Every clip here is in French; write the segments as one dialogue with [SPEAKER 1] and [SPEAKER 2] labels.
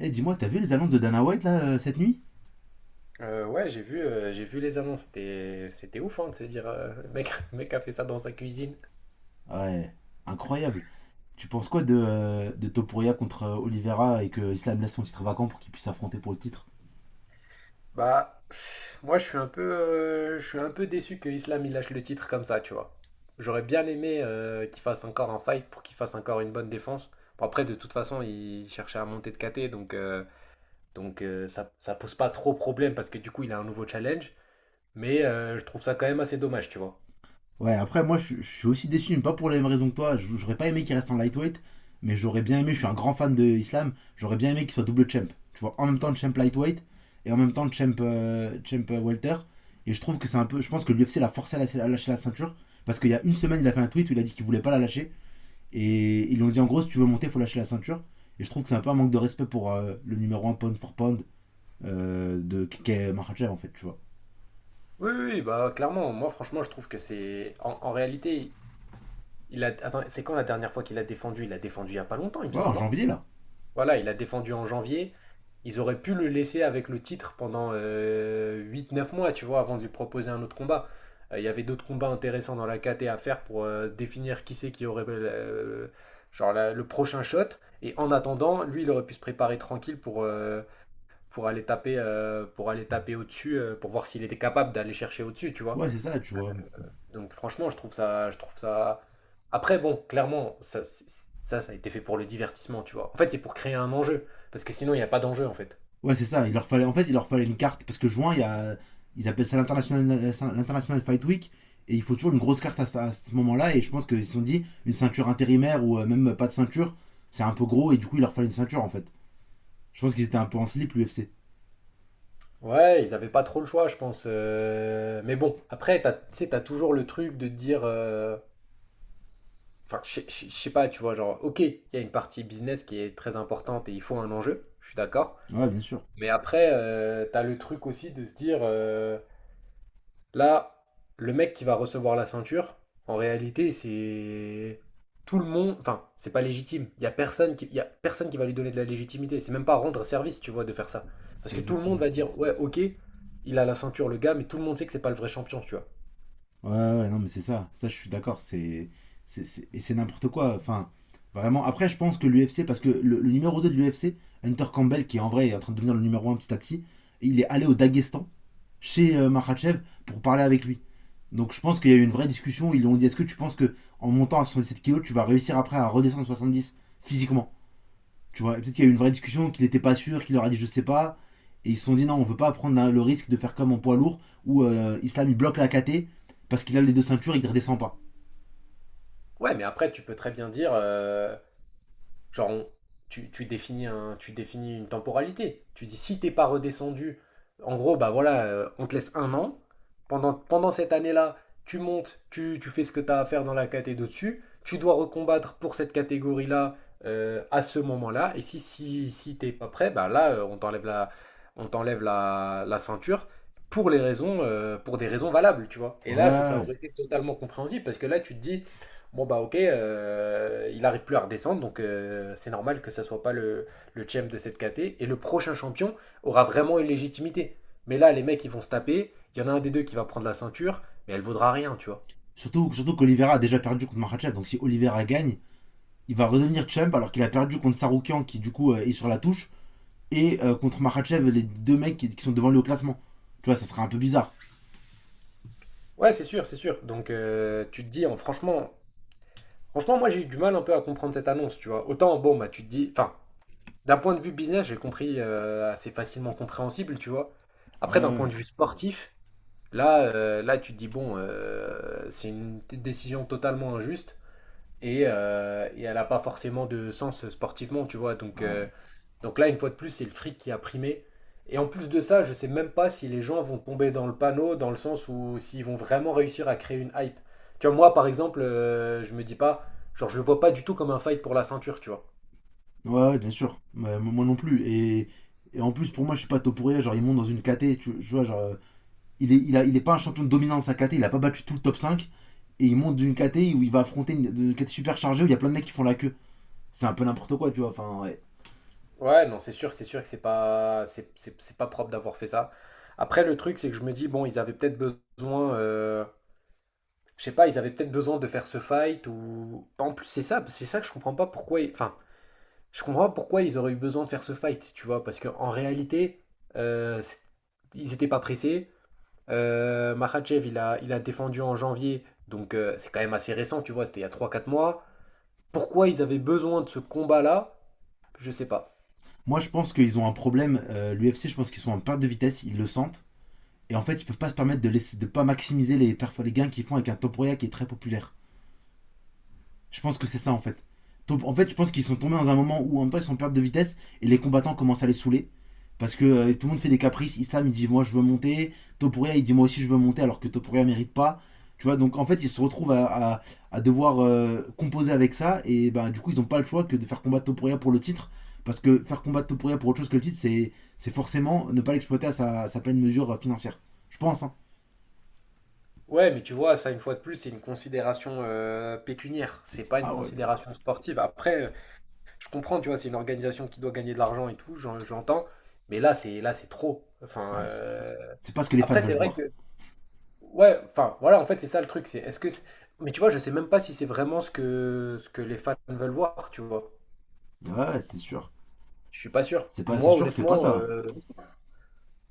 [SPEAKER 1] Eh, hey, dis-moi, t'as vu les annonces de Dana White là cette nuit?
[SPEAKER 2] Ouais, j'ai vu les annonces. C'était ouf, hein, de se dire, le mec a fait ça dans sa cuisine.
[SPEAKER 1] Ouais, incroyable. Tu penses quoi de Topuria contre Oliveira, et que Islam laisse son titre vacant pour qu'il puisse s'affronter pour le titre?
[SPEAKER 2] Bah, pff, moi, je suis un peu déçu que Islam il lâche le titre comme ça, tu vois. J'aurais bien aimé qu'il fasse encore un fight pour qu'il fasse encore une bonne défense. Bon, après, de toute façon, il cherchait à monter de KT, ça pose pas trop problème parce que du coup, il a un nouveau challenge. Mais je trouve ça quand même assez dommage, tu vois.
[SPEAKER 1] Ouais, après, moi je suis aussi déçu, mais pas pour les mêmes raisons que toi. J'aurais pas aimé qu'il reste en lightweight, mais j'aurais bien aimé, je suis un grand fan de Islam, j'aurais bien aimé qu'il soit double champ. Tu vois, en même temps champ lightweight et en même temps champ, champ welter. Et je trouve que c'est un peu. Je pense que l'UFC l'a forcé à lâcher la ceinture, parce qu'il y a une semaine, il a fait un tweet où il a dit qu'il voulait pas la lâcher. Et ils lui ont dit, en gros, si tu veux monter, il faut lâcher la ceinture. Et je trouve que c'est un peu un manque de respect pour le numéro un pound for pound de Kike Makhachev en fait, tu vois.
[SPEAKER 2] Oui, oui, oui, bah clairement, moi franchement je trouve que c'est, en réalité, attends, c'est quand la dernière fois qu'il a défendu? Il a défendu il n'y a pas longtemps, il me
[SPEAKER 1] Ouais, en
[SPEAKER 2] semble, non?
[SPEAKER 1] janvier là.
[SPEAKER 2] Voilà, il a défendu en janvier. Ils auraient pu le laisser avec le titre pendant 8, 9 mois, tu vois, avant de lui proposer un autre combat. Il y avait d'autres combats intéressants dans la KT à faire pour définir qui c'est qui aurait genre le prochain shot. Et en attendant, lui, il aurait pu se préparer tranquille pour aller taper au-dessus, pour voir s'il était capable d'aller chercher au-dessus, tu vois.
[SPEAKER 1] Ouais, c'est ça, tu vois.
[SPEAKER 2] Donc franchement, je trouve ça. Après, bon, clairement, ça a été fait pour le divertissement, tu vois. En fait, c'est pour créer un enjeu, parce que sinon, il n'y a pas d'enjeu, en fait.
[SPEAKER 1] Ouais, c'est ça. Il leur fallait, en fait, il leur fallait une carte, parce que juin, il y a, ils appellent ça l'international, l'international fight week, et il faut toujours une grosse carte à ce moment-là. Et je pense qu'ils se sont dit une ceinture intérimaire ou même pas de ceinture, c'est un peu gros, et du coup il leur fallait une ceinture en fait. Je pense qu'ils étaient un peu en slip, l'UFC.
[SPEAKER 2] Ouais, ils avaient pas trop le choix, je pense. Mais bon, après, tu sais, t'as toujours le truc de te dire, enfin, je sais pas, tu vois, genre, ok, il y a une partie business qui est très importante et il faut un enjeu, je suis d'accord.
[SPEAKER 1] Ouais, bien sûr.
[SPEAKER 2] Mais après, t'as le truc aussi de se dire, là, le mec qui va recevoir la ceinture, en réalité, c'est tout le monde. Enfin, c'est pas légitime. Il y a personne qui va lui donner de la légitimité. C'est même pas rendre service, tu vois, de faire ça. Parce
[SPEAKER 1] C'est
[SPEAKER 2] que tout le monde
[SPEAKER 1] exactement
[SPEAKER 2] va
[SPEAKER 1] ça.
[SPEAKER 2] dire, ouais, ok, il a la ceinture, le gars, mais tout le monde sait que c'est pas le vrai champion, tu vois.
[SPEAKER 1] Ouais, ouais, non, mais c'est ça. Ça, je suis d'accord. Et c'est n'importe quoi. Enfin, vraiment. Après, je pense que l'UFC, parce que le numéro 2 de l'UFC, Hunter Campbell, qui en vrai est en train de devenir le numéro un petit à petit, il est allé au Daghestan, chez Makhachev, pour parler avec lui. Donc, je pense qu'il y a eu une vraie discussion. Ils lui ont dit: est-ce que tu penses que, en montant à 7 kilos, tu vas réussir après à redescendre à 10 physiquement, tu vois? Et peut-être qu'il y a eu une vraie discussion, qu'il n'était pas sûr, qu'il leur a dit je sais pas. Et ils se sont dit non, on veut pas prendre le risque de faire comme en poids lourd où Islam il bloque la KT parce qu'il a les deux ceintures et il ne redescend pas.
[SPEAKER 2] Ouais, mais après, tu peux très bien dire, genre, tu définis tu définis une temporalité. Tu dis si t'es pas redescendu, en gros, bah voilà, on te laisse un an. Pendant cette année-là, tu montes, tu fais ce que tu as à faire dans la catégorie d'au-dessus. Tu dois recombattre pour cette catégorie-là à ce moment-là. Et si t'es pas prêt, bah là, on t'enlève la ceinture pour des raisons valables, tu vois. Et là, ça
[SPEAKER 1] Ouais.
[SPEAKER 2] aurait été totalement compréhensible parce que là, tu te dis, Bon bah ok, il arrive plus à redescendre, donc c'est normal que ça soit pas le champ de cette KT. Et le prochain champion aura vraiment une légitimité. Mais là, les mecs, ils vont se taper. Il y en a un des deux qui va prendre la ceinture, mais elle vaudra rien, tu vois.
[SPEAKER 1] Surtout, surtout qu'Olivera a déjà perdu contre Makhachev, donc si Olivera gagne, il va redevenir champ alors qu'il a perdu contre Saroukian, qui du coup est sur la touche, et contre Makhachev, les deux mecs qui sont devant lui au classement. Tu vois, ça serait un peu bizarre.
[SPEAKER 2] Ouais, c'est sûr, c'est sûr. Donc tu te dis, hein, franchement, franchement, moi j'ai eu du mal un peu à comprendre cette annonce, tu vois. Autant, bon, bah tu te dis, enfin, d'un point de vue business, j'ai compris, assez facilement compréhensible, tu vois.
[SPEAKER 1] Ouais,
[SPEAKER 2] Après, d'un point
[SPEAKER 1] ouais,
[SPEAKER 2] de vue sportif, là, tu te dis, bon, c'est une décision totalement injuste et elle n'a pas forcément de sens sportivement, tu vois. Donc, euh,
[SPEAKER 1] ouais.
[SPEAKER 2] donc là, une fois de plus, c'est le fric qui a primé. Et en plus de ça, je sais même pas si les gens vont tomber dans le panneau, dans le sens où s'ils vont vraiment réussir à créer une hype. Tu vois, moi, par exemple, je me dis pas, genre, je le vois pas du tout comme un fight pour la ceinture, tu vois.
[SPEAKER 1] Ouais, ouais, bien sûr. Ouais, moi non plus. Et en plus, pour moi, je suis pas Topuria, genre ils montent dans une KT, tu vois, genre. Il est pas un champion dominant de sa KT, il a pas battu tout le top cinq, et il monte d'une KT où il va affronter une KT super chargée où il y a plein de mecs qui font la queue. C'est un peu n'importe quoi, tu vois. Enfin, ouais.
[SPEAKER 2] Ouais, non, c'est sûr que c'est pas propre d'avoir fait ça. Après, le truc, c'est que je me dis, bon, ils avaient peut-être besoin, je sais pas, ils avaient peut-être besoin de faire ce fight ou. En plus, c'est ça que je comprends pas pourquoi. Enfin, je comprends pas pourquoi ils auraient eu besoin de faire ce fight, tu vois, parce qu'en réalité, euh, c'est- ils étaient pas pressés. Makhachev, il a défendu en janvier, donc c'est quand même assez récent, tu vois, c'était il y a 3 4 mois. Pourquoi ils avaient besoin de ce combat-là, je sais pas.
[SPEAKER 1] Moi, je pense qu'ils ont un problème. L'UFC, je pense qu'ils sont en perte de vitesse, ils le sentent. Et en fait, ils peuvent pas se permettre de laisser, de pas maximiser les gains qu'ils font avec un top roya qui est très populaire. Je pense que c'est ça, en fait. En fait, je pense qu'ils sont tombés dans un moment où, en même temps, ils sont en perte de vitesse et les combattants commencent à les saouler. Parce que tout le monde fait des caprices. Islam, il dit moi je veux monter. Topuria, il dit moi aussi je veux monter, alors que Topuria mérite pas. Tu vois, donc en fait, ils se retrouvent à devoir composer avec ça. Et ben, du coup, ils n'ont pas le choix que de faire combattre Topuria pour le titre. Parce que faire combattre Topuria pour autre chose que le titre, c'est forcément ne pas l'exploiter à sa pleine mesure financière. Je pense. Hein.
[SPEAKER 2] Ouais, mais tu vois, ça, une fois de plus, c'est une considération pécuniaire. C'est pas une
[SPEAKER 1] Ah ouais, mais
[SPEAKER 2] considération sportive. Après, je comprends, tu vois, c'est une organisation qui doit gagner de l'argent et tout, j'entends. Mais là, c'est trop. Enfin,
[SPEAKER 1] ouais, c'est trop. C'est pas ce que les fans
[SPEAKER 2] après,
[SPEAKER 1] veulent
[SPEAKER 2] c'est vrai
[SPEAKER 1] voir.
[SPEAKER 2] que, ouais, enfin, voilà, en fait, c'est ça le truc. C'est, est-ce que, c'est- Mais tu vois, je sais même pas si c'est vraiment ce que les fans veulent voir, tu vois.
[SPEAKER 1] Ouais, ouais, c'est sûr.
[SPEAKER 2] Je suis pas sûr.
[SPEAKER 1] C'est pas, c'est
[SPEAKER 2] Moi,
[SPEAKER 1] sûr que c'est pas
[SPEAKER 2] honnêtement,
[SPEAKER 1] ça.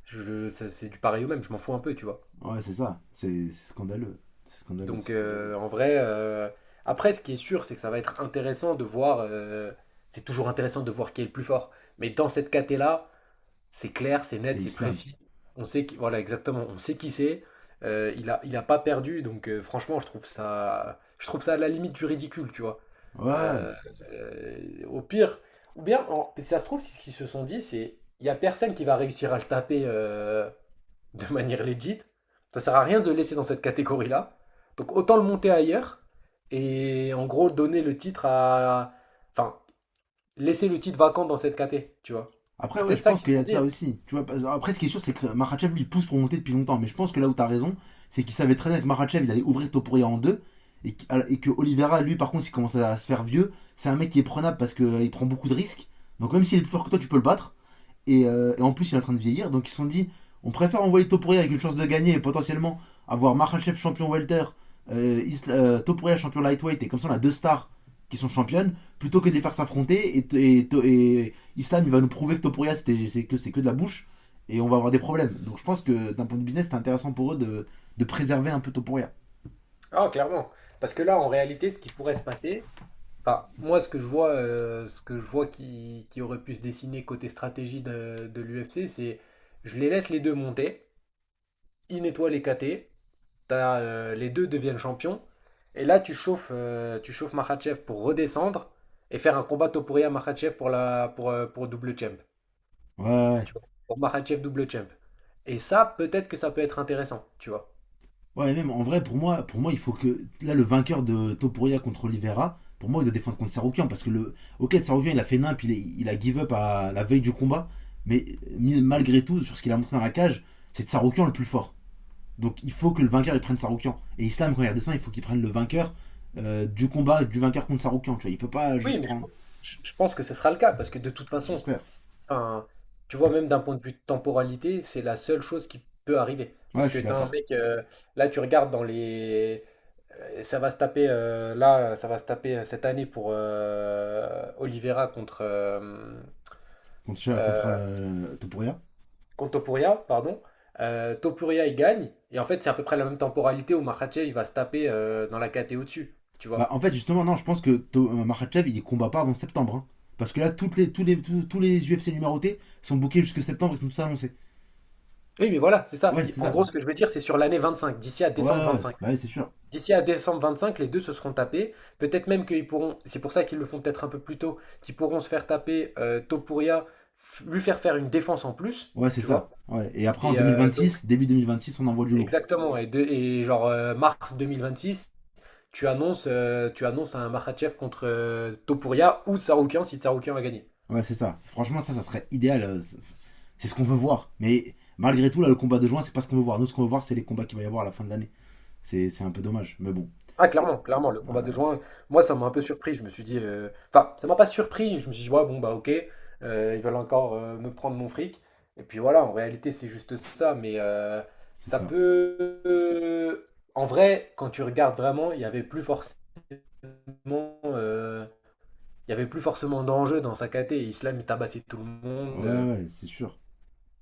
[SPEAKER 2] c'est du pareil au même. Je m'en fous un peu, tu vois.
[SPEAKER 1] Ouais, c'est ça. C'est scandaleux. C'est scandaleux.
[SPEAKER 2] Donc en vrai, après ce qui est sûr, c'est que ça va être intéressant de voir, c'est toujours intéressant de voir qui est le plus fort. Mais dans cette caté-là, c'est clair, c'est
[SPEAKER 1] C'est
[SPEAKER 2] net, c'est
[SPEAKER 1] Islam.
[SPEAKER 2] précis. On sait qui, voilà, exactement, on sait qui c'est. Il a pas perdu, donc franchement, je trouve ça à la limite du ridicule, tu vois.
[SPEAKER 1] Ouais.
[SPEAKER 2] Euh, Au pire, ou bien, ça se trouve, si ce qu'ils se sont dit, c'est, il y a personne qui va réussir à le taper de manière legit. Ça sert à rien de le laisser dans cette catégorie-là. Donc autant le monter ailleurs et en gros donner le titre à, enfin, laisser le titre vacant dans cette caté, tu vois.
[SPEAKER 1] Après,
[SPEAKER 2] C'est
[SPEAKER 1] ouais, je
[SPEAKER 2] peut-être ça
[SPEAKER 1] pense
[SPEAKER 2] qu'ils se
[SPEAKER 1] qu'il y
[SPEAKER 2] sont
[SPEAKER 1] a de
[SPEAKER 2] dit,
[SPEAKER 1] ça
[SPEAKER 2] hein.
[SPEAKER 1] aussi. Tu vois, parce- après, ce qui est sûr, c'est que Makhachev, lui, il pousse pour monter depuis longtemps. Mais je pense que là où t'as raison, c'est qu'il savait très bien que Makhachev, il allait ouvrir Topuria en deux. Et que Oliveira, lui, par contre, il commence à se faire vieux. C'est un mec qui est prenable parce qu'il prend beaucoup de risques. Donc, même s'il est plus fort que toi, tu peux le battre. Et en plus, il est en train de vieillir. Donc, ils se sont dit, on préfère envoyer Topuria avec une chance de gagner, et potentiellement avoir Makhachev champion welter, Topuria champion lightweight. Et comme ça, on a deux stars qui sont championnes plutôt que de les faire s'affronter. Et Islam, il va nous prouver que Topuria, c'est que de la bouche. Et on va avoir des problèmes. Donc, je pense que d'un point de business, c'est intéressant pour eux de préserver un peu Topuria.
[SPEAKER 2] Ah, clairement. Parce que là, en réalité, ce qui pourrait se passer, enfin, moi, ce que je vois qui aurait pu se dessiner côté stratégie de l'UFC, c'est je les laisse les deux monter, ils nettoient les KT, les deux deviennent champions, et là, tu chauffes Makhachev pour redescendre et faire un combat Topuria-Makhachev pour double champ.
[SPEAKER 1] Ouais, ouais.
[SPEAKER 2] Tu vois, pour Makhachev double champ. Et ça, peut-être que ça peut être intéressant, tu vois.
[SPEAKER 1] Ouais, même en vrai, pour moi, il faut que. Là, le vainqueur de Topuria contre Oliveira, pour moi, il doit défendre contre Saroukian. Parce que le. Ok, Saroukian, il a fait nimp, il a give up à la veille du combat. Mais malgré tout, sur ce qu'il a montré dans la cage, c'est Saroukian le plus fort. Donc il faut que le vainqueur, il prenne Saroukian. Et Islam, quand il redescend, il faut qu'il prenne le vainqueur du vainqueur contre Saroukian. Tu vois, il peut pas
[SPEAKER 2] Oui,
[SPEAKER 1] juste
[SPEAKER 2] mais je,
[SPEAKER 1] prendre.
[SPEAKER 2] pense je- pense que ce sera le cas, parce que de toute façon,
[SPEAKER 1] J'espère.
[SPEAKER 2] enfin, tu vois, même d'un point de vue de temporalité, c'est la seule chose qui peut arriver. Parce
[SPEAKER 1] Ouais, je
[SPEAKER 2] que
[SPEAKER 1] suis
[SPEAKER 2] t'as un
[SPEAKER 1] d'accord.
[SPEAKER 2] mec, là tu regardes dans les. Ça va se taper, ça va se taper cette année pour Oliveira
[SPEAKER 1] Contre, contre
[SPEAKER 2] euh,
[SPEAKER 1] Topuria.
[SPEAKER 2] contre Topuria, pardon. Topuria, il gagne, et en fait, c'est à peu près la même temporalité où Makhachev, il va se taper dans la KT au-dessus, tu
[SPEAKER 1] Bah,
[SPEAKER 2] vois.
[SPEAKER 1] en fait, justement, non, je pense que Makhachev, il combat pas avant septembre. Hein. Parce que là, toutes les, tous, tous les UFC numérotés sont bookés jusque septembre, ils sont tous annoncés.
[SPEAKER 2] Oui, mais voilà, c'est ça.
[SPEAKER 1] Ouais, c'est
[SPEAKER 2] En
[SPEAKER 1] ça.
[SPEAKER 2] gros, ce que je veux dire, c'est sur l'année 25, d'ici à
[SPEAKER 1] Ouais,
[SPEAKER 2] décembre
[SPEAKER 1] ouais, ouais,
[SPEAKER 2] 25.
[SPEAKER 1] bah ouais, c'est sûr.
[SPEAKER 2] D'ici à décembre 25 les deux se seront tapés. Peut-être même qu'ils pourront, c'est pour ça qu'ils le font peut-être un peu plus tôt, qu'ils pourront se faire taper Topuria, lui faire faire une défense en plus,
[SPEAKER 1] Ouais, c'est
[SPEAKER 2] tu vois.
[SPEAKER 1] ça. Ouais. Et après, en
[SPEAKER 2] Et donc,
[SPEAKER 1] 2026, début 2026, on envoie du lourd.
[SPEAKER 2] exactement. Et genre mars six tu annonces un Makhachev contre Topuria ou Tsaroukian si Tsaroukian va gagner.
[SPEAKER 1] Ouais, c'est ça. Franchement, ça serait idéal. C'est ce qu'on veut voir. Mais malgré tout, là, le combat de juin, c'est pas ce qu'on veut voir. Nous, ce qu'on veut voir, c'est les combats qu'il va y avoir à la fin de l'année. C'est un peu dommage. Mais bon,
[SPEAKER 2] Ah, clairement, clairement, le
[SPEAKER 1] euh,
[SPEAKER 2] combat de juin, moi, ça m'a un peu surpris. Je me suis dit, enfin, ça m'a pas surpris. Je me suis dit, ouais, bon, bah, ok, ils veulent encore me prendre mon fric. Et puis voilà, en réalité, c'est juste ça. Mais
[SPEAKER 1] c'est
[SPEAKER 2] ça
[SPEAKER 1] ça.
[SPEAKER 2] peut. En vrai, quand tu regardes vraiment, euh, il y avait plus forcément d'enjeu dans sa KT. Islam, il tabassait tout le
[SPEAKER 1] Ouais,
[SPEAKER 2] monde.
[SPEAKER 1] ouais, c'est sûr.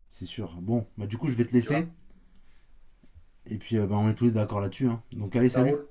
[SPEAKER 1] C'est sûr. Bon, bah du coup, je vais te
[SPEAKER 2] Tu vois,
[SPEAKER 1] laisser. Et puis, bah, on est tous d'accord là-dessus. Hein. Donc, allez,
[SPEAKER 2] ça
[SPEAKER 1] salut.
[SPEAKER 2] roule.